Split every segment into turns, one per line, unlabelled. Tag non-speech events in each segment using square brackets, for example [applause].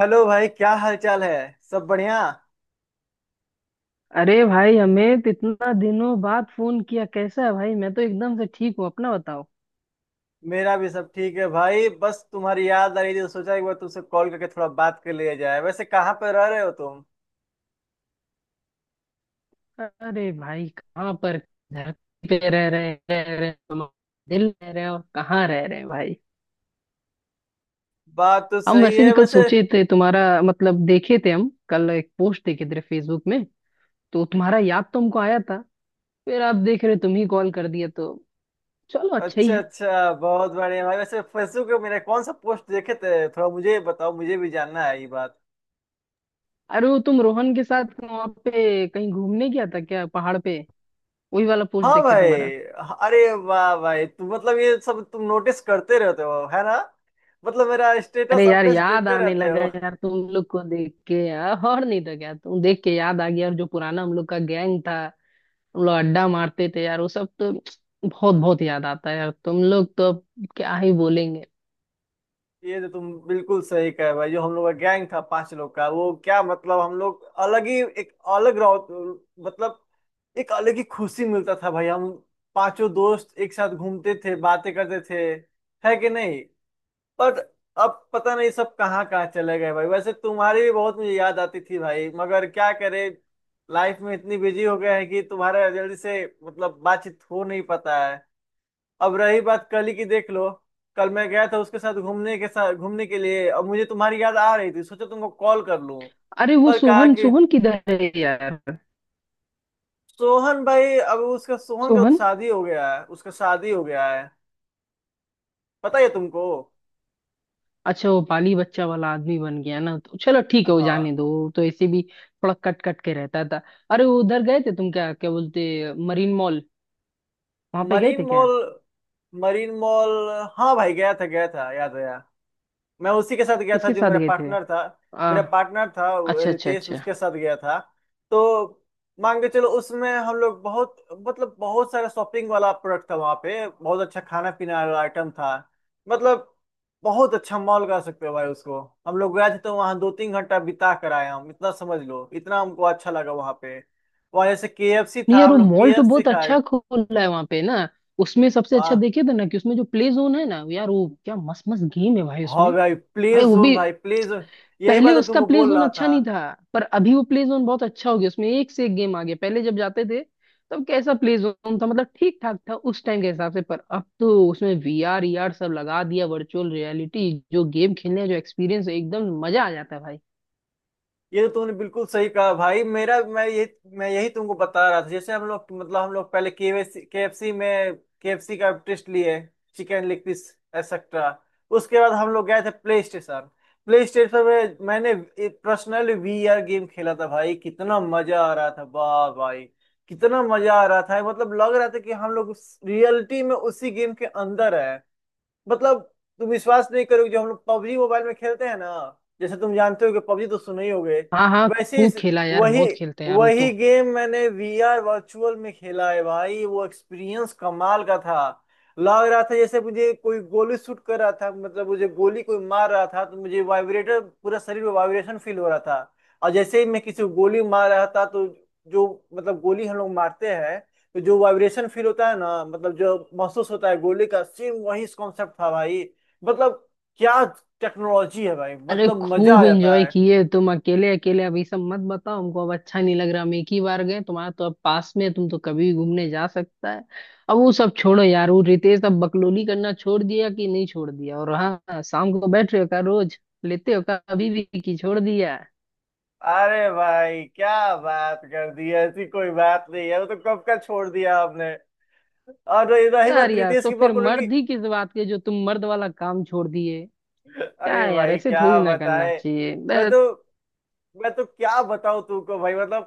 Hello भाई, क्या हाल चाल है। सब बढ़िया।
अरे भाई हमें तो इतना दिनों बाद फोन किया, कैसा है भाई? मैं तो एकदम से ठीक हूँ, अपना बताओ।
मेरा भी सब ठीक है भाई, बस तुम्हारी याद आ रही थी तो सोचा एक बार तुमसे कॉल करके थोड़ा बात कर लिया जाए। वैसे कहाँ पे रह रहे हो तुम।
अरे भाई कहाँ पर, धरती पे रह रहे तुम, दिल रह रहे और कहाँ रह रहे हैं भाई।
बात तो
हम
सही
वैसे
है
भी कल
वैसे।
सोचे थे, तुम्हारा मतलब देखे थे, हम कल एक पोस्ट देखे थे फेसबुक में, तो तुम्हारा याद तो हमको आया था। फिर आप देख रहे तुम ही कॉल कर दिया तो चलो अच्छा ही
अच्छा
है।
अच्छा, बहुत बढ़िया भाई। वैसे फेसबुक पे मेरे कौन सा पोस्ट देखे थे, थोड़ा मुझे बताओ, मुझे भी जानना है ये बात।
अरे वो तुम रोहन के साथ वहां पे कहीं घूमने गया था क्या, पहाड़ पे? वही वाला पोस्ट
हाँ
देखे
भाई।
तुम्हारा।
अरे वाह भाई, तुम मतलब ये सब तुम नोटिस करते रहते हो है ना, मतलब मेरा स्टेटस
अरे यार,
अपडेट्स
याद
देखते
आने
रहते।
लगा यार तुम लोग को देख के, यार और नहीं तो क्या, तुम देख के याद आ गया, और जो पुराना हम लोग का गैंग था, हम लोग अड्डा मारते थे यार, वो सब तो बहुत बहुत याद आता है यार। तुम लोग तो अब क्या ही बोलेंगे।
ये तो तुम बिल्कुल सही कहे भाई, जो हम लोग का गैंग था पांच लोग का, वो क्या मतलब हम लोग अलग ही एक अलग रहो, मतलब एक अलग ही खुशी मिलता था भाई। हम पांचों दोस्त एक साथ घूमते थे, बातें करते थे, है कि नहीं। पर अब पता नहीं सब कहाँ कहाँ चले गए भाई। वैसे तुम्हारी भी बहुत मुझे याद आती थी भाई, मगर क्या करे, लाइफ में इतनी बिजी हो गए हैं कि तुम्हारा जल्दी से मतलब बातचीत हो नहीं पाता है। अब रही बात कल ही की, देख लो। कल मैं गया था उसके साथ घूमने के लिए। अब मुझे तुम्हारी याद आ रही थी, सोचा तुमको कॉल कर लूं।
अरे वो
पर कहा
सोहन
कि
सोहन किधर है यार?
सोहन भाई, अब उसका सोहन का तो
सोहन।
शादी हो गया है, उसका शादी हो गया है, पता है तुमको।
अच्छा वो पाली बच्चा वाला आदमी बन गया ना, तो चलो ठीक है, वो जाने
हाँ।
दो, वो तो ऐसे भी थोड़ा कट कट के रहता था। अरे वो उधर गए थे तुम, क्या क्या बोलते, मरीन मॉल, वहां पे गए
मरीन
थे क्या?
मॉल। मरीन मॉल, हाँ भाई, गया था याद आया। मैं उसी के साथ गया था
किसके
जो
साथ
मेरा
गए थे?
पार्टनर था। मेरा
आ,
पार्टनर था वो,
अच्छा अच्छा
रितेश,
अच्छा।
उसके साथ गया था। तो मान के चलो, उसमें हम लोग बहुत, मतलब बहुत सारा शॉपिंग वाला प्रोडक्ट था वहाँ पे, बहुत अच्छा खाना पीना वाला आइटम था, मतलब बहुत अच्छा मॉल कह सकते हो भाई उसको। हम लोग गए थे तो वहाँ 2-3 घंटा बिता कर आए हम, इतना समझ लो, इतना हमको अच्छा लगा वहाँ पे। वहाँ जैसे KFC
नहीं
था,
यार,
हम
वो
लोग
मॉल तो
KFC
बहुत अच्छा
खाए।
खुला है वहां पे ना, उसमें सबसे अच्छा
हाँ।
देखे थे ना कि उसमें जो प्ले जोन है ना यार, वो क्या मस्त मस्त गेम है भाई
हाँ
उसमें।
भाई, प्ले
भाई वो
जोन
भी
भाई, प्ले जोन, यही
पहले
बात है
उसका
तुमको
प्ले
बोल
जोन
रहा
अच्छा
था।
नहीं था, पर अभी वो प्ले जोन बहुत अच्छा हो गया, उसमें एक से एक गेम आ गया। पहले जब जाते थे तब कैसा प्ले जोन था, मतलब ठीक ठाक था उस टाइम के हिसाब से, पर अब तो उसमें वीआर ईआर सब लगा दिया, वर्चुअल रियलिटी, जो गेम खेलने का जो एक्सपीरियंस है एकदम मजा आ जाता है भाई।
ये तो तूने बिल्कुल सही कहा भाई, मेरा मैं यही तुमको बता रहा था। जैसे हम लोग, मतलब हम लोग पहले केएफसी, केएफसी में, केएफसी का टेस्ट लिए, चिकन लेग पीस एक्सेट्रा। उसके बाद हम लोग गए थे प्ले स्टेशन। प्ले स्टेशन में मैंने पर्सनली वीआर गेम खेला था भाई। कितना मजा आ रहा था वाह भाई, कितना मजा आ रहा था, मतलब लग रहा था कि हम लोग रियलिटी में उसी गेम के अंदर है। मतलब तुम विश्वास नहीं करोगे, जो हम लोग पबजी मोबाइल में खेलते हैं ना, जैसे तुम जानते हो कि पबजी तो सुने ही होगे।
हाँ हाँ,
वैसे
खूब
इस-
खेला यार,
वही
बहुत खेलते हैं यार वो
वही
तो।
गेम मैंने वीआर वर्चुअल में खेला है भाई। वो एक्सपीरियंस कमाल का था। लग रहा था जैसे मुझे कोई गोली शूट कर रहा था, मतलब मुझे गोली कोई मार रहा था तो मुझे वाइब्रेटर, पूरा शरीर में वाइब्रेशन फील हो रहा था। और जैसे ही मैं किसी को गोली मार रहा था तो जो, मतलब गोली हम लोग मारते हैं, तो जो वाइब्रेशन फील होता है ना, मतलब जो महसूस होता है गोली का, सेम वही कॉन्सेप्ट था भाई। मतलब क्या टेक्नोलॉजी है भाई,
अरे
मतलब मजा आ
खूब
जाता
एंजॉय
है।
किए तुम, अकेले अकेले अभी सब मत बताओ हमको, अब अच्छा नहीं लग रहा, हम एक ही बार गए, तुम्हारा तो अब पास में है, तुम तो कभी भी घूमने जा सकता है। अब वो सब छोड़ो यार, वो रितेश अब बकलोली करना छोड़ दिया कि नहीं छोड़ दिया? और हाँ, शाम को बैठ रहे हो क्या रोज? लेते हो क्या अभी भी कि छोड़ दिया?
अरे भाई क्या बात कर दी, ऐसी कोई बात नहीं है, वो तो कब का छोड़ दिया आपने। और रही रही
यार
बात
यार
रितेश
तो
की
फिर
पॉपुलरिटी।
मर्द ही किस बात के जो तुम मर्द वाला काम छोड़ दिए? क्या
अरे
है यार,
भाई
ऐसे
क्या
थोड़ी ना करना
बताए,
चाहिए
मैं
बस।
तो मैं तो क्या बताऊं तुमको भाई। मतलब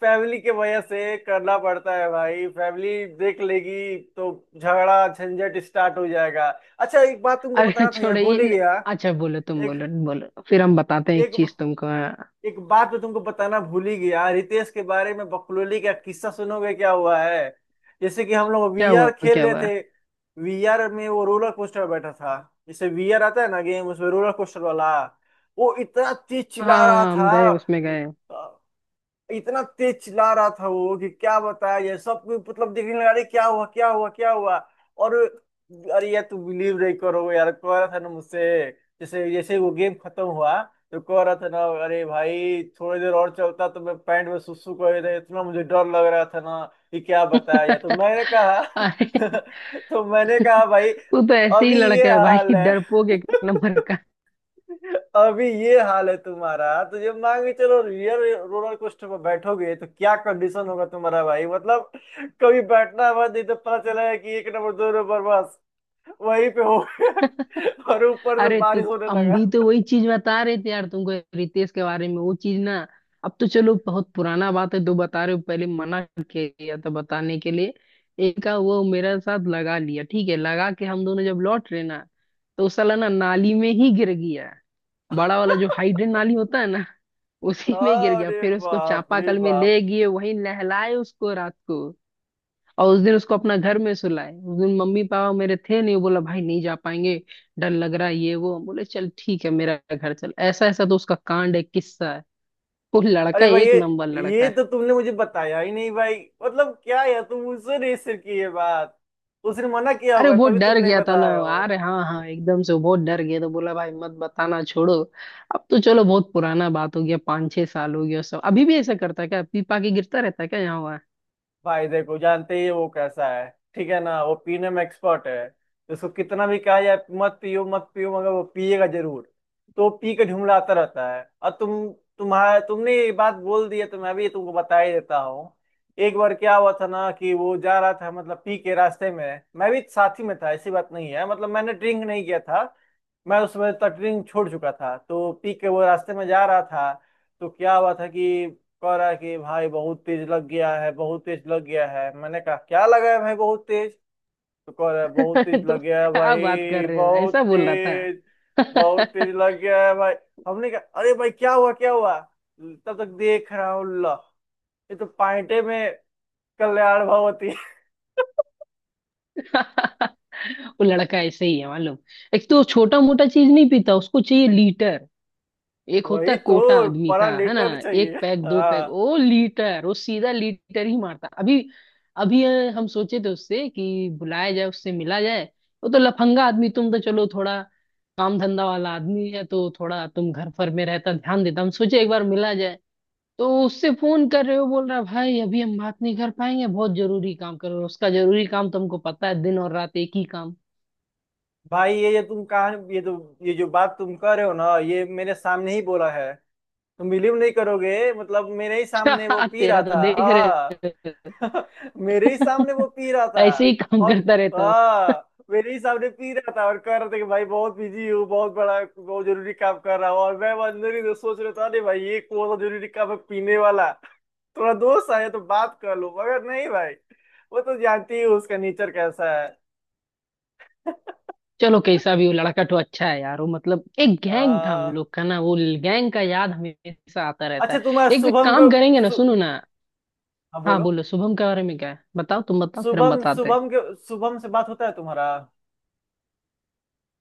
फैमिली के वजह से करना पड़ता है भाई, फैमिली देख लेगी तो झगड़ा झंझट स्टार्ट हो जाएगा। अच्छा एक बात तुमको
अरे
बताना था यार,
छोड़ो ये
भूल ही
न-
गया।
अच्छा बोलो, तुम
एक
बोलो बोलो, फिर हम बताते हैं एक
एक
चीज तुमको, हाँ।
एक बात मैं तुमको बताना भूल ही गया, रितेश के बारे में बकलोली का किस्सा सुनोगे क्या हुआ है। जैसे कि हम लोग
क्या हुआ
वीआर
क्या
खेल रहे
हुआ?
थे, वीआर में वो रोलर कोस्टर बैठा था, जैसे वीआर आता है ना गेम उसमें रोलर कोस्टर वाला। वो इतना तेज चिल्ला रहा
हाँ, हम गए, उसमें गए।
था, इतना तेज चिल्ला रहा था वो कि क्या बताया, ये सब कोई मतलब देखने लगा, अरे क्या हुआ क्या हुआ क्या हुआ। और अरे यार, तू बिलीव नहीं करोगे यार, कह रहा था ना मुझसे, जैसे जैसे वो गेम खत्म हुआ तो कह रहा था ना, अरे भाई थोड़ी देर और चलता तो मैं पैंट में सुसु कर देता, इतना मुझे डर लग रहा था ना, कि क्या बताया यार। तो
[laughs]
मैंने कहा
अरे
[laughs] तो मैंने कहा भाई,
तू तो ऐसे ही
अभी ये
लड़का है
हाल
भाई,
है।
डरपोक एक नंबर का।
[laughs] अभी ये हाल है तुम्हारा तो, जब मान के चलो रियल रोलर कोस्टर पर बैठोगे, तो क्या कंडीशन होगा तुम्हारा भाई। मतलब कभी बैठना है बस, नहीं तो पता चला है कि एक नंबर दो नंबर बस वहीं पे हो
[laughs]
गया। [laughs] और ऊपर से
अरे
बारिश होने
हम
लगा।
भी तो वही चीज बता रहे थे यार तुमको, रितेश के बारे में वो चीज ना। अब तो चलो बहुत पुराना बात है, दो बता रहे हो, पहले मना किया था बताने के लिए। एक का वो मेरे साथ लगा लिया, ठीक है लगा के हम दोनों जब लौट रहे ना, तो वो साला ना नाली में ही गिर गया। बड़ा वाला जो हाइड्रेंट नाली होता है, उसी में गिर गया।
अरे
फिर उसको
बाप रे
चापाकल में
बाप।
ले गए, वहीं नहलाए उसको रात को। और उस दिन उसको अपना घर में सुलाए, उस दिन मम्मी पापा मेरे थे नहीं, वो बोला भाई नहीं जा पाएंगे, डर लग रहा है ये वो, हम बोले चल ठीक है मेरा घर चल। ऐसा ऐसा तो उसका कांड है, किस्सा है। वो लड़का
अरे भाई,
एक
ये
नंबर लड़का
ये
है।
तो तुमने मुझे बताया ही नहीं भाई। मतलब क्या यार, तुम मुझसे नहीं शेयर की ये बात। उसने मना किया
अरे
होगा
वो
तभी तुम
डर
नहीं
गया था ना,
बताया।
अरे हाँ हाँ, एकदम से वो बहुत डर गया, तो बोला भाई मत बताना, छोड़ो। अब तो चलो बहुत पुराना बात हो गया, 5 6 साल हो गया। सब अभी भी ऐसा करता है क्या, पीपा के गिरता रहता है क्या यहाँ?
भाई देखो, जानते ही है वो कैसा है, ठीक है ना। वो पीने में एक्सपर्ट है, उसको कितना भी कहा जाए मत पियो मत पियो, मगर वो पिएगा जरूर। तो वो पी के झुमलाता रहता है। और तुम, तुम्हारा तुमने ये बात बोल दी है तो मैं भी तुमको बता ही देता हूँ। एक बार क्या हुआ था ना, कि वो जा रहा था मतलब पी के रास्ते में, मैं भी साथी में था, ऐसी बात नहीं है, मतलब मैंने ड्रिंक नहीं किया था, मैं उस समय तटरिंग छोड़ चुका था। तो पीक के वो रास्ते में जा रहा था, तो क्या हुआ था कि कह रहा है कि भाई बहुत तेज लग गया है, बहुत तेज लग गया है। मैंने कहा क्या लगा है भाई बहुत तेज। तो कह रहा है बहुत तेज
[laughs] तुम
लग गया है
क्या बात कर
भाई,
रहे हो,
बहुत
ऐसा बोल रहा
तेज, बहुत
था? [laughs]
तेज लग गया है भाई। हमने कहा अरे भाई क्या हुआ क्या हुआ। तब तक देख रहा हूँ ला, ये तो पाइंटे में कल्याण भगवती। [laughs]
वो लड़का ऐसे ही है मालूम। एक तो छोटा मोटा चीज नहीं पीता, उसको चाहिए लीटर। एक होता
वही
है कोटा
तो
आदमी का,
परा
है ना?
लेटर चाहिए।
एक पैक दो पैक
हाँ
ओ लीटर, वो सीधा लीटर ही मारता अभी। अभी हम सोचे थे उससे कि बुलाया जाए, उससे मिला जाए। वो तो लफंगा आदमी, तुम तो चलो थोड़ा काम धंधा वाला आदमी है, तो थोड़ा तुम घर पर में रहता, ध्यान देता, हम सोचे एक बार मिला जाए। तो उससे फोन कर रहे हो बोल रहा है भाई अभी हम बात नहीं कर पाएंगे, बहुत जरूरी काम करो, उसका जरूरी काम तुमको पता है, दिन और रात एक ही काम।
भाई, ये ये जो बात तुम कर रहे हो ना, ये मेरे सामने ही बोला है। तुम बिलीव नहीं करोगे, मतलब मेरे ही सामने वो
[laughs]
पी
तेरा
रहा
तो
था,
देख रहे
हाँ।
[laughs]
[laughs] मेरे ही सामने
हो।
वो पी रहा था।
ऐसे ही काम
और
करता रहता हो।
हाँ, मेरे ही सामने पी रहा था और कह रहा था कि भाई बहुत बिजी हूँ, बहुत बड़ा बहुत जरूरी काम कर रहा हूँ। और मैं अंदर ही तो सोच रहा था, अरे भाई ये कौन सा जरूरी काम है पीने वाला। [laughs] थोड़ा दोस्त आया तो बात कर लो, मगर नहीं भाई, वो तो जानती ही हो उसका नेचर कैसा है।
चलो कैसा भी वो
[laughs]
लड़का तो अच्छा है यार, वो मतलब एक गैंग था हम
हाँ।
लोग का ना, वो गैंग का याद हमेशा आता रहता है।
अच्छा, तुम्हारा
एक एक
शुभम
काम
को
करेंगे ना, सुनो ना।
हाँ
हाँ
बोलो,
बोलो, शुभम के बारे में क्या है बताओ, तुम बताओ फिर हम
शुभम
बताते हैं।
शुभम के शुभम से बात होता है तुम्हारा।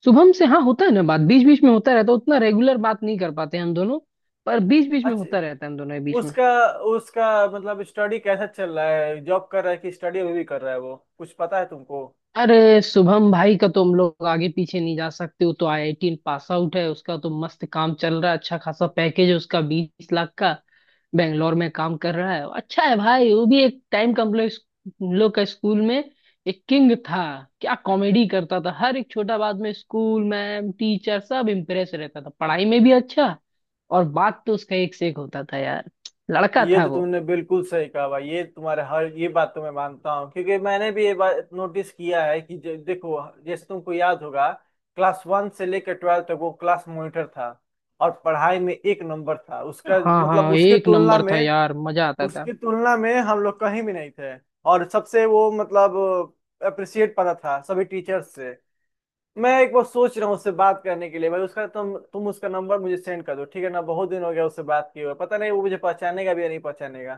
शुभम से हाँ होता है ना बात, बीच बीच में होता रहता है, उतना रेगुलर बात नहीं कर पाते हम दोनों, पर बीच बीच में
अच्छा,
होता रहता है हम दोनों के बीच में।
उसका, उसका मतलब स्टडी कैसा चल रहा है, जॉब कर रहा है कि स्टडी अभी भी कर रहा है वो, कुछ पता है तुमको।
अरे शुभम भाई का तुम लोग आगे पीछे नहीं जा सकते, वो तो आईआईटी पास आउट है, उसका तो मस्त काम चल रहा है, अच्छा खासा पैकेज है उसका 20 लाख का, बेंगलोर में काम कर रहा है। अच्छा है भाई वो भी। एक टाइम का हम लोग, हम लोग का स्कूल में एक किंग था, क्या कॉमेडी करता था हर एक छोटा बात में, स्कूल मैम टीचर सब इम्प्रेस रहता था, पढ़ाई में भी अच्छा, और बात तो उसका एक से एक होता था यार, लड़का
ये
था
तो
वो।
तुमने बिल्कुल सही कहा भाई, ये तुम्हारे हर ये बात तो मैं मानता हूँ, क्योंकि मैंने भी ये बात नोटिस किया है कि देखो, जैसे तुमको याद होगा, क्लास 1 से लेकर 12वीं तक वो क्लास मॉनिटर था और पढ़ाई में एक नंबर था उसका।
हाँ
मतलब
हाँ
उसकी
एक
तुलना
नंबर था
में,
यार, मजा आता था।
उसकी तुलना में हम लोग कहीं भी नहीं थे। और सबसे वो मतलब अप्रिशिएट पाता था सभी टीचर्स से। मैं एक बार सोच रहा हूँ उससे बात करने के लिए भाई। उसका तुम उसका नंबर मुझे सेंड कर दो, ठीक है ना। बहुत दिन हो गया उससे बात किए हुए, पता नहीं वो मुझे पहचानेगा भी या नहीं पहचानेगा।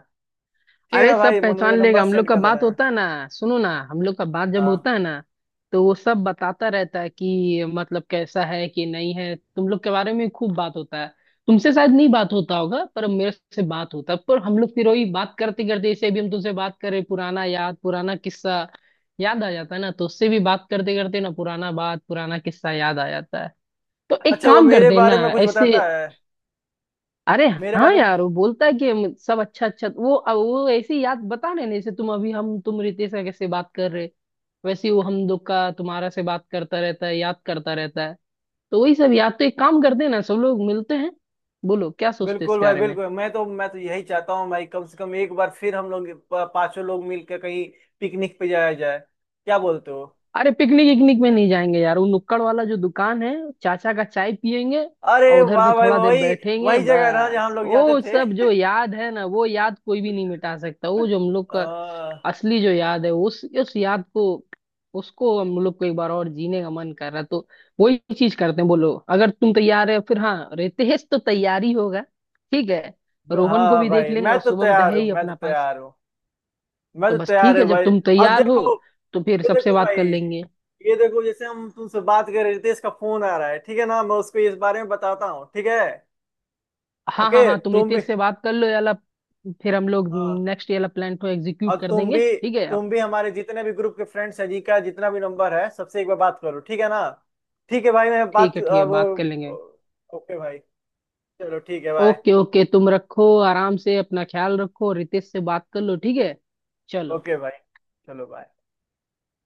ठीक है
अरे
ना
सब
भाई, मुझे मुझे
पहचान लेगा,
नंबर
हम लोग
सेंड
का
कर
बात
देना है।
होता है ना, सुनो ना, हम लोग का बात जब
हाँ।
होता है ना, तो वो सब बताता रहता है कि मतलब कैसा है कि नहीं है, तुम लोग के बारे में खूब बात होता है। तुमसे शायद नहीं बात होता होगा पर मेरे से बात होता है, पर हम लोग फिर वही बात करते करते, जैसे अभी हम तुमसे बात करें, पुराना याद, पुराना किस्सा याद आ जाता है ना, तो उससे भी बात करते करते ना पुराना बात पुराना किस्सा याद आ जाता है। तो एक
अच्छा, वो
काम
मेरे
करते हैं ना
बारे में कुछ
ऐसे।
बताता है,
अरे
मेरे
हाँ
बारे में
यार वो बोलता है कि हम सब, अच्छा अच्छा वो अब वो ऐसी याद बता रहे ना, जैसे तुम अभी, हम तुम रितेश का कैसे बात कर रहे, वैसे ही वो हम लोग का तुम्हारा से बात करता रहता है, याद करता रहता है, तो वही सब याद। तो एक काम करते हैं ना, सब लोग मिलते हैं, बोलो क्या सोचते हैं
बिल्कुल
इसके
भाई
बारे में।
बिल्कुल, मैं तो यही चाहता हूँ भाई, कम से कम एक बार फिर हम लोग पांचों लोग मिलकर कहीं पिकनिक पे जाया जाए, क्या बोलते हो।
अरे पिकनिक इकनिक में नहीं जाएंगे यार, वो नुक्कड़ वाला जो दुकान है, चाचा का चाय पियेंगे
अरे
और उधर पे
वाह भाई,
थोड़ा देर
वही,
बैठेंगे
वही जगह है ना जहाँ
बस,
हम लोग जाते
वो
थे।
सब जो याद है ना, वो याद कोई भी नहीं मिटा सकता, वो जो हम लोग
[laughs]
का
आ,
असली जो याद है, उस याद को, उसको हम लोग को एक बार और जीने का मन कर रहा है, तो वही चीज करते हैं। बोलो अगर तुम तैयार है, फिर हाँ रितेश तो तैयारी होगा, ठीक है,
हाँ
रोहन को
हाँ
भी देख
भाई,
लेंगे,
मैं
और
तो
शुभम तो
तैयार
है
हूँ,
ही
मैं तो
अपना पास।
तैयार हूँ, मैं
तो
तो
बस ठीक
तैयार
है,
हूँ
जब
भाई।
तुम
अब
तैयार हो
देखो,
तो फिर
ये
सबसे
देखो
बात
भाई,
कर लेंगे।
ये देखो, जैसे हम तुमसे बात कर रहे थे, इसका फोन आ रहा है, ठीक है ना, मैं उसको इस बारे में बताता हूँ, ठीक है।
हाँ हाँ
ओके,
हाँ तुम
तुम भी।
रितेश से बात कर लो याला, फिर हम लोग
हाँ,
नेक्स्ट याला प्लान को
और
एग्जीक्यूट कर
तुम
देंगे,
भी,
ठीक है आप।
तुम भी हमारे जितने भी ग्रुप के फ्रेंड्स हैं, जी का जितना भी नंबर है, सबसे एक बार बात करो, ठीक है ना। ठीक है भाई, मैं बात
ठीक है
अब,
बात कर लेंगे।
ओके भाई, चलो ठीक है, बाय।
ओके ओके तुम रखो, आराम से अपना ख्याल रखो, रितेश से बात कर लो, ठीक है, चलो।
ओके भाई, चलो बाय।